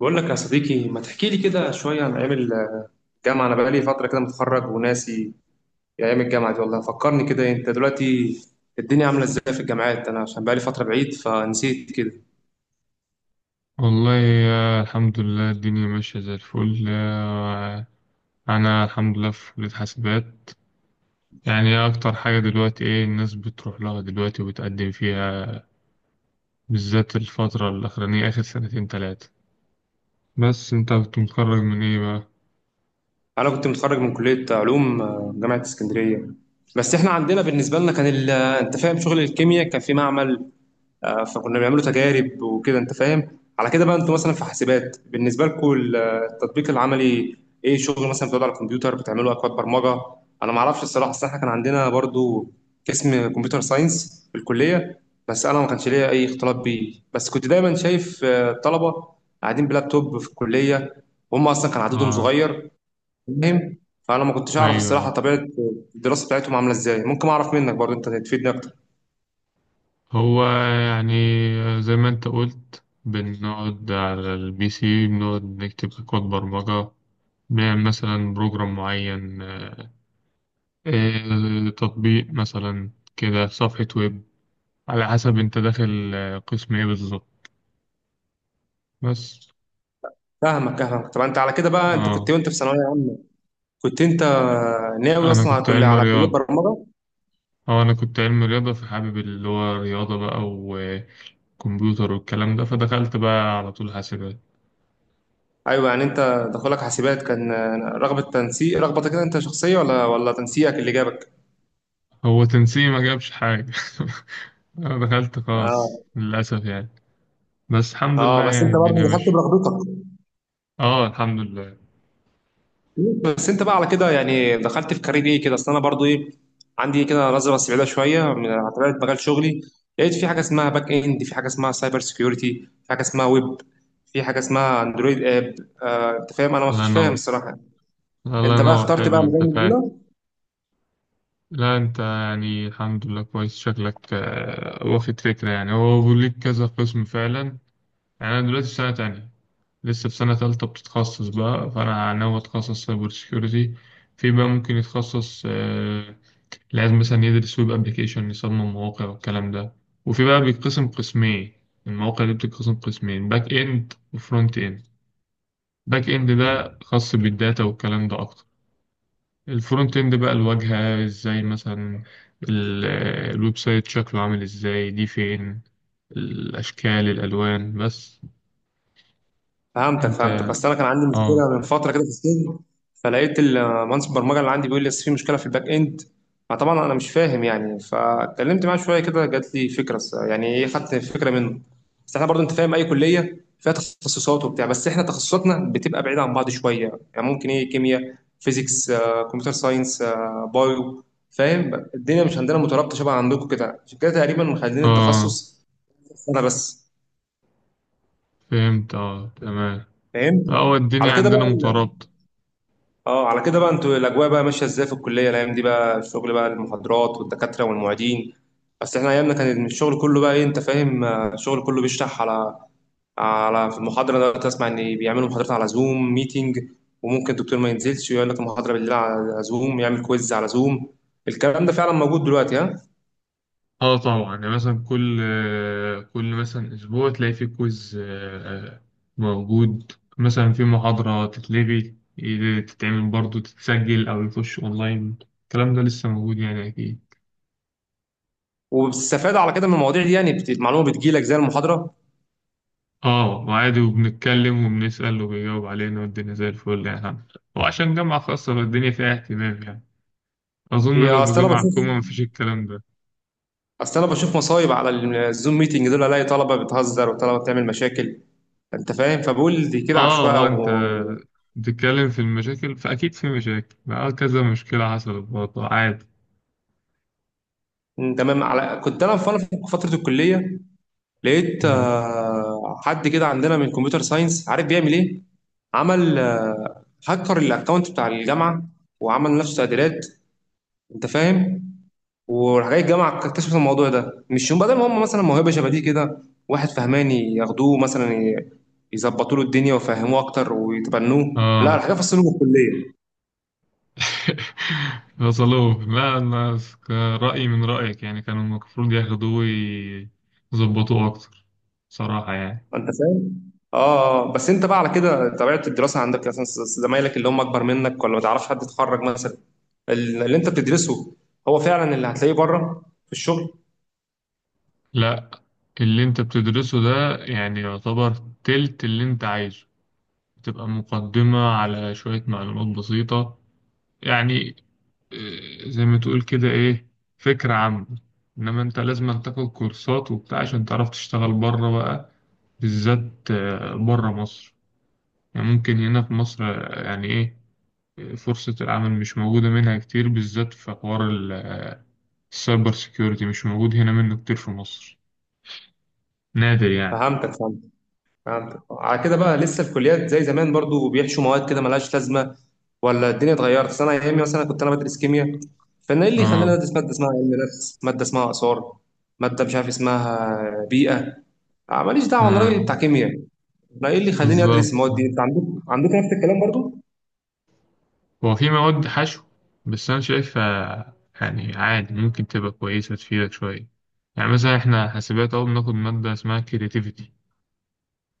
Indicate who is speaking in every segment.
Speaker 1: بقول لك يا صديقي، ما تحكي لي كده شوية عن أيام الجامعة؟ أنا بقالي فترة كده متخرج وناسي أيام الجامعة دي. والله فكرني كده. أنت دلوقتي الدنيا عاملة إزاي في الجامعات؟ أنا عشان بقالي فترة بعيد فنسيت كده.
Speaker 2: والله الحمد لله. الدنيا ماشية زي الفل. أنا الحمد لله في كلية حاسبات. يعني أكتر حاجة دلوقتي إيه الناس بتروح لها دلوقتي وبتقدم فيها، بالذات الفترة الأخرانية آخر سنتين تلاتة. بس أنت كنت متخرج من إيه بقى؟
Speaker 1: أنا كنت متخرج من كلية علوم، جامعة اسكندرية. بس إحنا عندنا بالنسبة لنا كان أنت فاهم، شغل الكيمياء كان في معمل. فكنا بنعمله تجارب وكده. انت فاهم على كده بقى. انتوا مثلا في حاسبات بالنسبه لكم التطبيق العملي ايه؟ شغل مثلا بتقعدوا على الكمبيوتر بتعملوا اكواد برمجه؟ انا ما اعرفش الصراحه، اصل احنا كان عندنا برضو قسم كمبيوتر ساينس في الكليه، بس انا ما كانش ليا اي اختلاط بيه. بس كنت دايما شايف الطلبه قاعدين بلابتوب في الكليه وهم اصلا كان عددهم
Speaker 2: آه،
Speaker 1: صغير. فاهم؟ فانا ما كنتش
Speaker 2: أيوه،
Speaker 1: اعرف الصراحه
Speaker 2: أيوه.
Speaker 1: طبيعه الدراسه بتاعتهم عامله ازاي. ممكن اعرف منك برضو، انت تفيدني اكتر.
Speaker 2: هو يعني زي ما أنت قلت، بنقعد على البي سي، بنقعد نكتب كود برمجة، بنعمل مثلا بروجرام معين، تطبيق مثلا، كده صفحة ويب، على حسب انت داخل قسم ايه بالظبط. بس
Speaker 1: فاهمك فاهمك. طب انت على كده بقى، انت كنت
Speaker 2: اه
Speaker 1: وانت في ثانويه عامه كنت انت ناوي
Speaker 2: انا
Speaker 1: اصلا على
Speaker 2: كنت
Speaker 1: كل
Speaker 2: علم
Speaker 1: على كليه
Speaker 2: رياضة
Speaker 1: برمجه؟
Speaker 2: اه انا كنت علم رياضة، فحابب اللي هو رياضة بقى وكمبيوتر والكلام ده، فدخلت بقى على طول حاسبات.
Speaker 1: ايوه، يعني انت دخولك حاسبات كان رغبه تنسيق، رغبتك كده انت شخصيه، ولا تنسيقك اللي جابك؟
Speaker 2: هو تنسيق ما جابش حاجة انا دخلت خاص
Speaker 1: اه
Speaker 2: للأسف يعني، بس الحمد
Speaker 1: اه.
Speaker 2: لله
Speaker 1: بس
Speaker 2: يعني
Speaker 1: انت برضه
Speaker 2: الدنيا
Speaker 1: دخلت
Speaker 2: ماشية.
Speaker 1: برغبتك.
Speaker 2: اه الحمد لله.
Speaker 1: بس انت بقى على كده يعني دخلت في كارير ايه كده؟ اصل انا برضه ايه، عندي كده نظره بس بعيده شويه من على طبيعه مجال شغلي. لقيت في حاجه اسمها باك اند، في حاجه اسمها سايبر سكيورتي، في حاجه اسمها ويب، في حاجه اسمها اندرويد اب. انت فاهم، انا
Speaker 2: الله
Speaker 1: مش فاهم
Speaker 2: ينور،
Speaker 1: الصراحه.
Speaker 2: الله
Speaker 1: انت بقى
Speaker 2: ينور،
Speaker 1: اخترت بقى
Speaker 2: حلو
Speaker 1: مجال
Speaker 2: انت فاهم.
Speaker 1: البرمجه؟
Speaker 2: لا انت يعني الحمد لله كويس، شكلك واخد فكرة. يعني هو بيقول كذا قسم فعلا. يعني انا دلوقتي في سنة تانية، لسه في سنة تالتة بتتخصص بقى، فانا ناوي اتخصص سايبر سيكيورتي. في بقى ممكن يتخصص، لازم مثلا يدرس ويب ابلكيشن، يصمم مواقع والكلام ده. وفي بقى بيتقسم قسمين، المواقع دي بتتقسم قسمين، باك اند وفرونت اند. باك اند ده خاص بالداتا والكلام ده اكتر. الفرونت اند بقى الواجهة ازاي، مثلا ال- الويب سايت شكله عامل ازاي، دي فين الأشكال الألوان. بس
Speaker 1: فهمتك
Speaker 2: انت،
Speaker 1: فهمتك. اصل انا كان عندي
Speaker 2: اه
Speaker 1: مشكله من فتره كده في السجن، فلقيت المهندس البرمجه اللي عندي بيقول لي أصل في مشكله في الباك اند. فطبعا انا مش فاهم يعني، فاتكلمت معاه شويه كده، جات لي فكره، يعني ايه، خدت فكره منه. بس احنا برضو انت فاهم، اي كليه فيها تخصصات وبتاع، بس احنا تخصصاتنا بتبقى بعيده عن بعض شويه يعني. ممكن ايه، كيمياء، فيزيكس، كمبيوتر ساينس، بايو. فاهم؟ الدنيا مش عندنا مترابطه شبه عندكم كده، عشان كده تقريبا مخلين
Speaker 2: اه،
Speaker 1: التخصص سنه بس.
Speaker 2: فهمت، اه تمام.
Speaker 1: فهمت.
Speaker 2: هو
Speaker 1: على
Speaker 2: الدنيا
Speaker 1: كده
Speaker 2: عندنا
Speaker 1: بقى
Speaker 2: مترابطة.
Speaker 1: اه، على كده بقى انتوا الاجواء بقى ماشيه ازاي في الكليه الايام دي بقى؟ الشغل بقى، المحاضرات والدكاتره والمعيدين. بس احنا ايامنا كان الشغل كله بقى ايه، انت فاهم، الشغل كله بيشرح على في المحاضره. انا دلوقتي اسمع ان بيعملوا محاضرات على زوم ميتنج، وممكن الدكتور ما ينزلش ويقول لك المحاضره بالليل على زوم، يعمل كويز على زوم. الكلام ده فعلا موجود دلوقتي؟ ها؟
Speaker 2: اه طبعا، يعني مثلا كل مثلا أسبوع تلاقي في كويز موجود. مثلا في محاضرة تتلغي، تتعمل برضو تتسجل، أو يخش أونلاين. الكلام ده لسه موجود يعني أكيد.
Speaker 1: وبتستفاد على كده من المواضيع دي يعني؟ المعلومه بتجيلك زي المحاضره؟
Speaker 2: اه وعادي، وبنتكلم وبنسأل وبيجاوب علينا، والدنيا زي الفل يعني الحمد لله. وعشان جامعة خاصة فالدنيا فيها اهتمام يعني. أظن
Speaker 1: هي
Speaker 2: لو في
Speaker 1: اصل انا
Speaker 2: جامعة
Speaker 1: بشوف،
Speaker 2: حكومة مفيش الكلام ده.
Speaker 1: اصل انا بشوف مصايب على الزوم ميتنج دول. الاقي طلبه بتهزر وطلبه بتعمل مشاكل، انت فاهم، فبقول دي كده عشوائي
Speaker 2: اه اه، انت
Speaker 1: و...
Speaker 2: بتتكلم في المشاكل فأكيد في مشاكل. اه، كذا مشكلة حصلت برضه عادي.
Speaker 1: تمام. على كنت انا في، أنا في فتره الكليه لقيت
Speaker 2: مم.
Speaker 1: حد كده عندنا من كمبيوتر ساينس عارف بيعمل ايه. عمل هكر الاكونت بتاع الجامعه وعمل نفسه تعديلات، انت فاهم. وراح جاي الجامعه اكتشفت الموضوع ده مش يوم. بدل ما هم مثلا موهبه شبه دي كده، واحد فهماني ياخدوه مثلا، يظبطوا له الدنيا ويفهموه اكتر ويتبنوه، لا،
Speaker 2: اه
Speaker 1: الحاجه فصلوا في الكليه،
Speaker 2: وصلوه. لا، أنا رأيي من رأيك، يعني كانوا المفروض ياخدوه ويظبطوه أكتر، صراحة يعني.
Speaker 1: انت فاهم. اه بس انت بقى على كده طبيعه الدراسه عندك، مثلا زمايلك اللي هم اكبر منك، ولا ما تعرفش حد اتخرج مثلا، اللي انت بتدرسه هو فعلا اللي هتلاقيه بره في الشغل؟
Speaker 2: لا، اللي انت بتدرسه ده يعني يعتبر تلت اللي انت عايزه. بتبقى مقدمة على شوية معلومات بسيطة يعني. اه، زي ما تقول كده، ايه، فكرة عامة. انما انت لازم تاخد كورسات وبتاع عشان تعرف تشتغل بره بقى، بالذات بره مصر. يعني ممكن هنا في مصر يعني ايه، فرصة العمل مش موجودة منها كتير، بالذات في حوار السايبر سيكيورتي مش موجود هنا منه كتير في مصر، نادر يعني.
Speaker 1: فهمتك فهمتك. فهمت على كده بقى، لسه الكليات زي زمان برضو بيحشوا مواد كده ملهاش لازمه، ولا الدنيا اتغيرت؟ أصل انا ايامي مثلا كنت انا بدرس كيمياء، فانا ايه اللي يخلينا
Speaker 2: اه،
Speaker 1: ندرس ماده اسمها علم نفس، ماده اسمها اثار، ماده مش عارف اسمها بيئه؟ ماليش دعوه، انا راجل
Speaker 2: مم.
Speaker 1: بتاع كيمياء، انا ايه اللي يخليني ادرس
Speaker 2: بالظبط.
Speaker 1: المواد دي؟ انت عندك، عندك نفس الكلام برضو؟
Speaker 2: هو في مواد حشو، بس انا شايفها يعني عادي، ممكن تبقى كويسة تفيدك شوية. يعني مثلا احنا حاسبات اهو بناخد مادة اسمها كرياتيفيتي،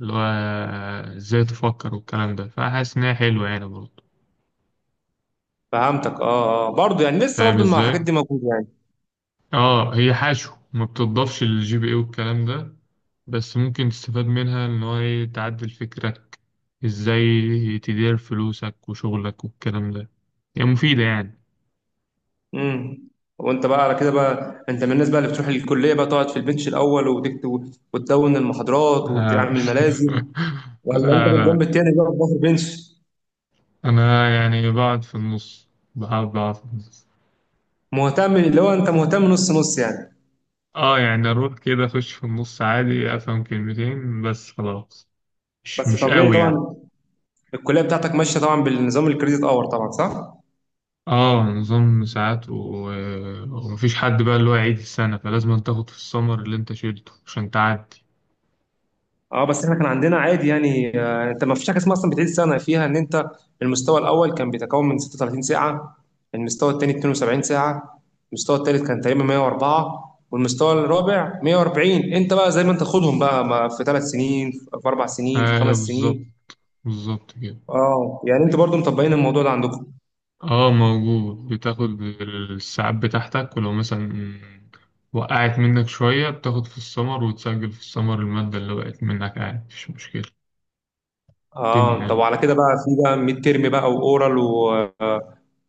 Speaker 2: اللي هو ازاي تفكر والكلام ده، فحاسس ان هي حلوة يعني برضه.
Speaker 1: فهمتك. اه اه، برضو يعني لسه
Speaker 2: فاهم
Speaker 1: برضو مع الحاجات
Speaker 2: ازاي؟
Speaker 1: دي موجوده يعني.
Speaker 2: اه هي حشو ما بتضافش للجي بي اي والكلام ده، بس ممكن تستفاد منها ان هو ايه، تعدل فكرك ازاي، تدير فلوسك وشغلك والكلام ده، هي يعني مفيدة يعني.
Speaker 1: امم وانت بقى على كده بقى، انت من الناس بقى اللي بتروح الكليه بقى تقعد في البنش الاول وتكتب وتدون المحاضرات
Speaker 2: آه،
Speaker 1: وتعمل ملازم، ولا انت
Speaker 2: لا لا،
Speaker 1: بالجنب التاني بقى بظهر بنش؟
Speaker 2: أنا يعني بقعد في النص.
Speaker 1: مهتم اللي هو، انت مهتم نص نص يعني؟
Speaker 2: اه يعني أروح كده أخش في النص عادي، أفهم كلمتين بس خلاص، مش
Speaker 1: بس
Speaker 2: مش
Speaker 1: طبيعي
Speaker 2: قوي يعني.
Speaker 1: طبعا. الكليه بتاعتك ماشيه طبعا بالنظام الكريدت اور طبعا، صح؟
Speaker 2: اه نظام ساعات ومفيش حد بقى اللي هو يعيد السنة، فلازم أن تاخد في السمر اللي انت شيلته عشان تعدي.
Speaker 1: اه، بس احنا كان عندنا عادي يعني. انت ما فيش حاجه اسمها اصلا بتعيد سنه فيها. ان انت المستوى الاول كان بيتكون من 36 ساعه، المستوى الثاني 72 ساعه، المستوى الثالث كان تقريبا 104، والمستوى الرابع 140. انت بقى زي ما انت خدهم بقى، ما في ثلاث سنين، في اربع سنين، في
Speaker 2: ايوه
Speaker 1: خمس
Speaker 2: بالظبط،
Speaker 1: سنين.
Speaker 2: بالظبط كده.
Speaker 1: اه يعني انتوا برضو مطبقين الموضوع ده عندكم.
Speaker 2: اه موجود، بتاخد الساعات بتاعتك، ولو مثلا وقعت منك شوية بتاخد في السمر وتسجل في السمر المادة اللي وقعت منك عادي، مفيش مشكلة. الدنيا
Speaker 1: اه طب
Speaker 2: يعني.
Speaker 1: وعلى كده بقى في بقى ميد تيرم بقى واورال و...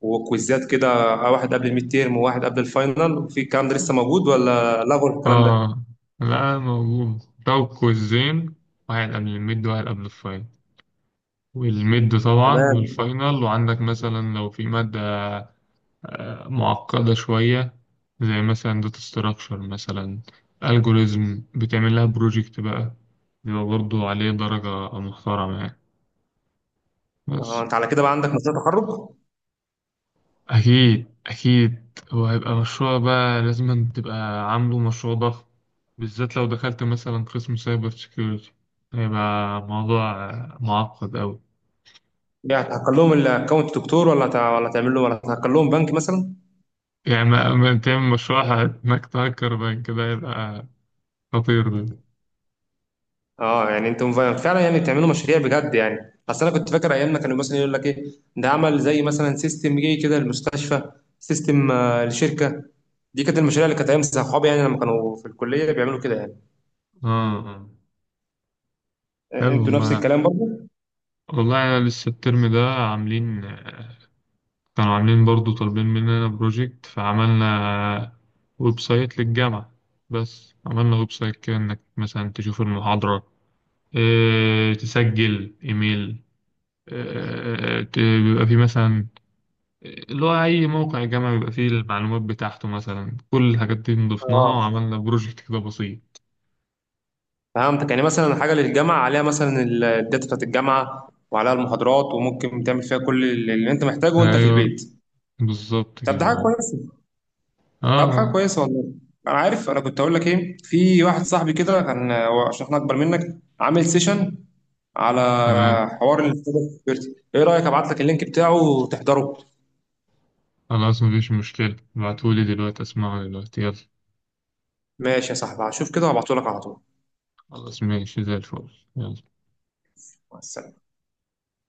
Speaker 1: وكويزات كده، واحد قبل الميد تيرم وواحد قبل الفاينل؟ وفي الكلام ده لسه موجود ولا لغوا الكلام ده؟
Speaker 2: اه لا موجود، لو كويزين، واحد قبل الميد وواحد قبل الفاينل، والميد طبعا
Speaker 1: تمام.
Speaker 2: والفاينل. وعندك مثلا لو في مادة معقدة شوية، زي مثلا داتا ستراكشر، مثلا الجوريزم، بتعمل لها بروجكت بقى، بيبقى برضه عليه درجة محترمة يعني.
Speaker 1: آه،
Speaker 2: بس
Speaker 1: انت على كده بقى عندك مشروع تخرج؟
Speaker 2: أكيد أكيد هو هيبقى مشروع بقى، لازم تبقى عامله مشروع ضخم، بالذات لو دخلت مثلا قسم سايبر سيكيورتي، هيبقى موضوع معقد أوي.
Speaker 1: يعني هتهكر لهم الاكونت دكتور، ولا تعمل له، ولا هتهكر لهم بنك مثلا؟
Speaker 2: يعني ما تعمل مشروع إنك تهكر بقى كده، هيبقى خطير ده.
Speaker 1: اه يعني انتم فعلا يعني بتعملوا مشاريع بجد يعني؟ اصل انا كنت فاكر ايام ما كانوا مثلا يقول لك ايه، ده عمل زي مثلا سيستم جه كده للمستشفى، سيستم لشركه. دي كانت المشاريع اللي كانت ايام صحابي يعني لما كانوا في الكليه بيعملوا كده يعني.
Speaker 2: اه آه. حلو
Speaker 1: انتوا نفس
Speaker 2: والله.
Speaker 1: الكلام برضه؟
Speaker 2: والله أنا لسه الترم ده كانوا عاملين برضو طالبين مننا بروجكت، فعملنا ويب سايت للجامعة. بس عملنا ويب سايت كده إنك مثلا تشوف المحاضرة، إيه تسجل إيميل، إيه، بيبقى فيه مثلا اللي هو أي موقع جامعي بيبقى فيه المعلومات بتاعته، مثلا كل الحاجات دي نضفناها
Speaker 1: اه
Speaker 2: وعملنا بروجكت كده بسيط.
Speaker 1: فهمتك، يعني مثلا حاجه للجامعه عليها مثلا الداتا بتاعت الجامعه وعليها المحاضرات وممكن تعمل فيها كل اللي انت محتاجه وانت في
Speaker 2: أيوه
Speaker 1: البيت.
Speaker 2: بالظبط
Speaker 1: طب ده
Speaker 2: كده،
Speaker 1: حاجه
Speaker 2: أه.
Speaker 1: كويسه. طب حاجه
Speaker 2: آه،
Speaker 1: كويسه والله. انا عارف، انا كنت هقول لك ايه، في واحد صاحبي كده كان، هو عشان احنا اكبر منك، عامل سيشن على
Speaker 2: تمام
Speaker 1: حوار ال cyber security. ايه رايك ابعت لك اللينك بتاعه وتحضره؟
Speaker 2: خلاص مفيش مشكلة، ابعتهولي دلوقتي، اسمعه دلوقتي، يلا.
Speaker 1: ماشي يا صاحبي، هشوف كده وابعته لك على طول.
Speaker 2: خلاص ماشي زي الفل، يلا.
Speaker 1: مع السلامه.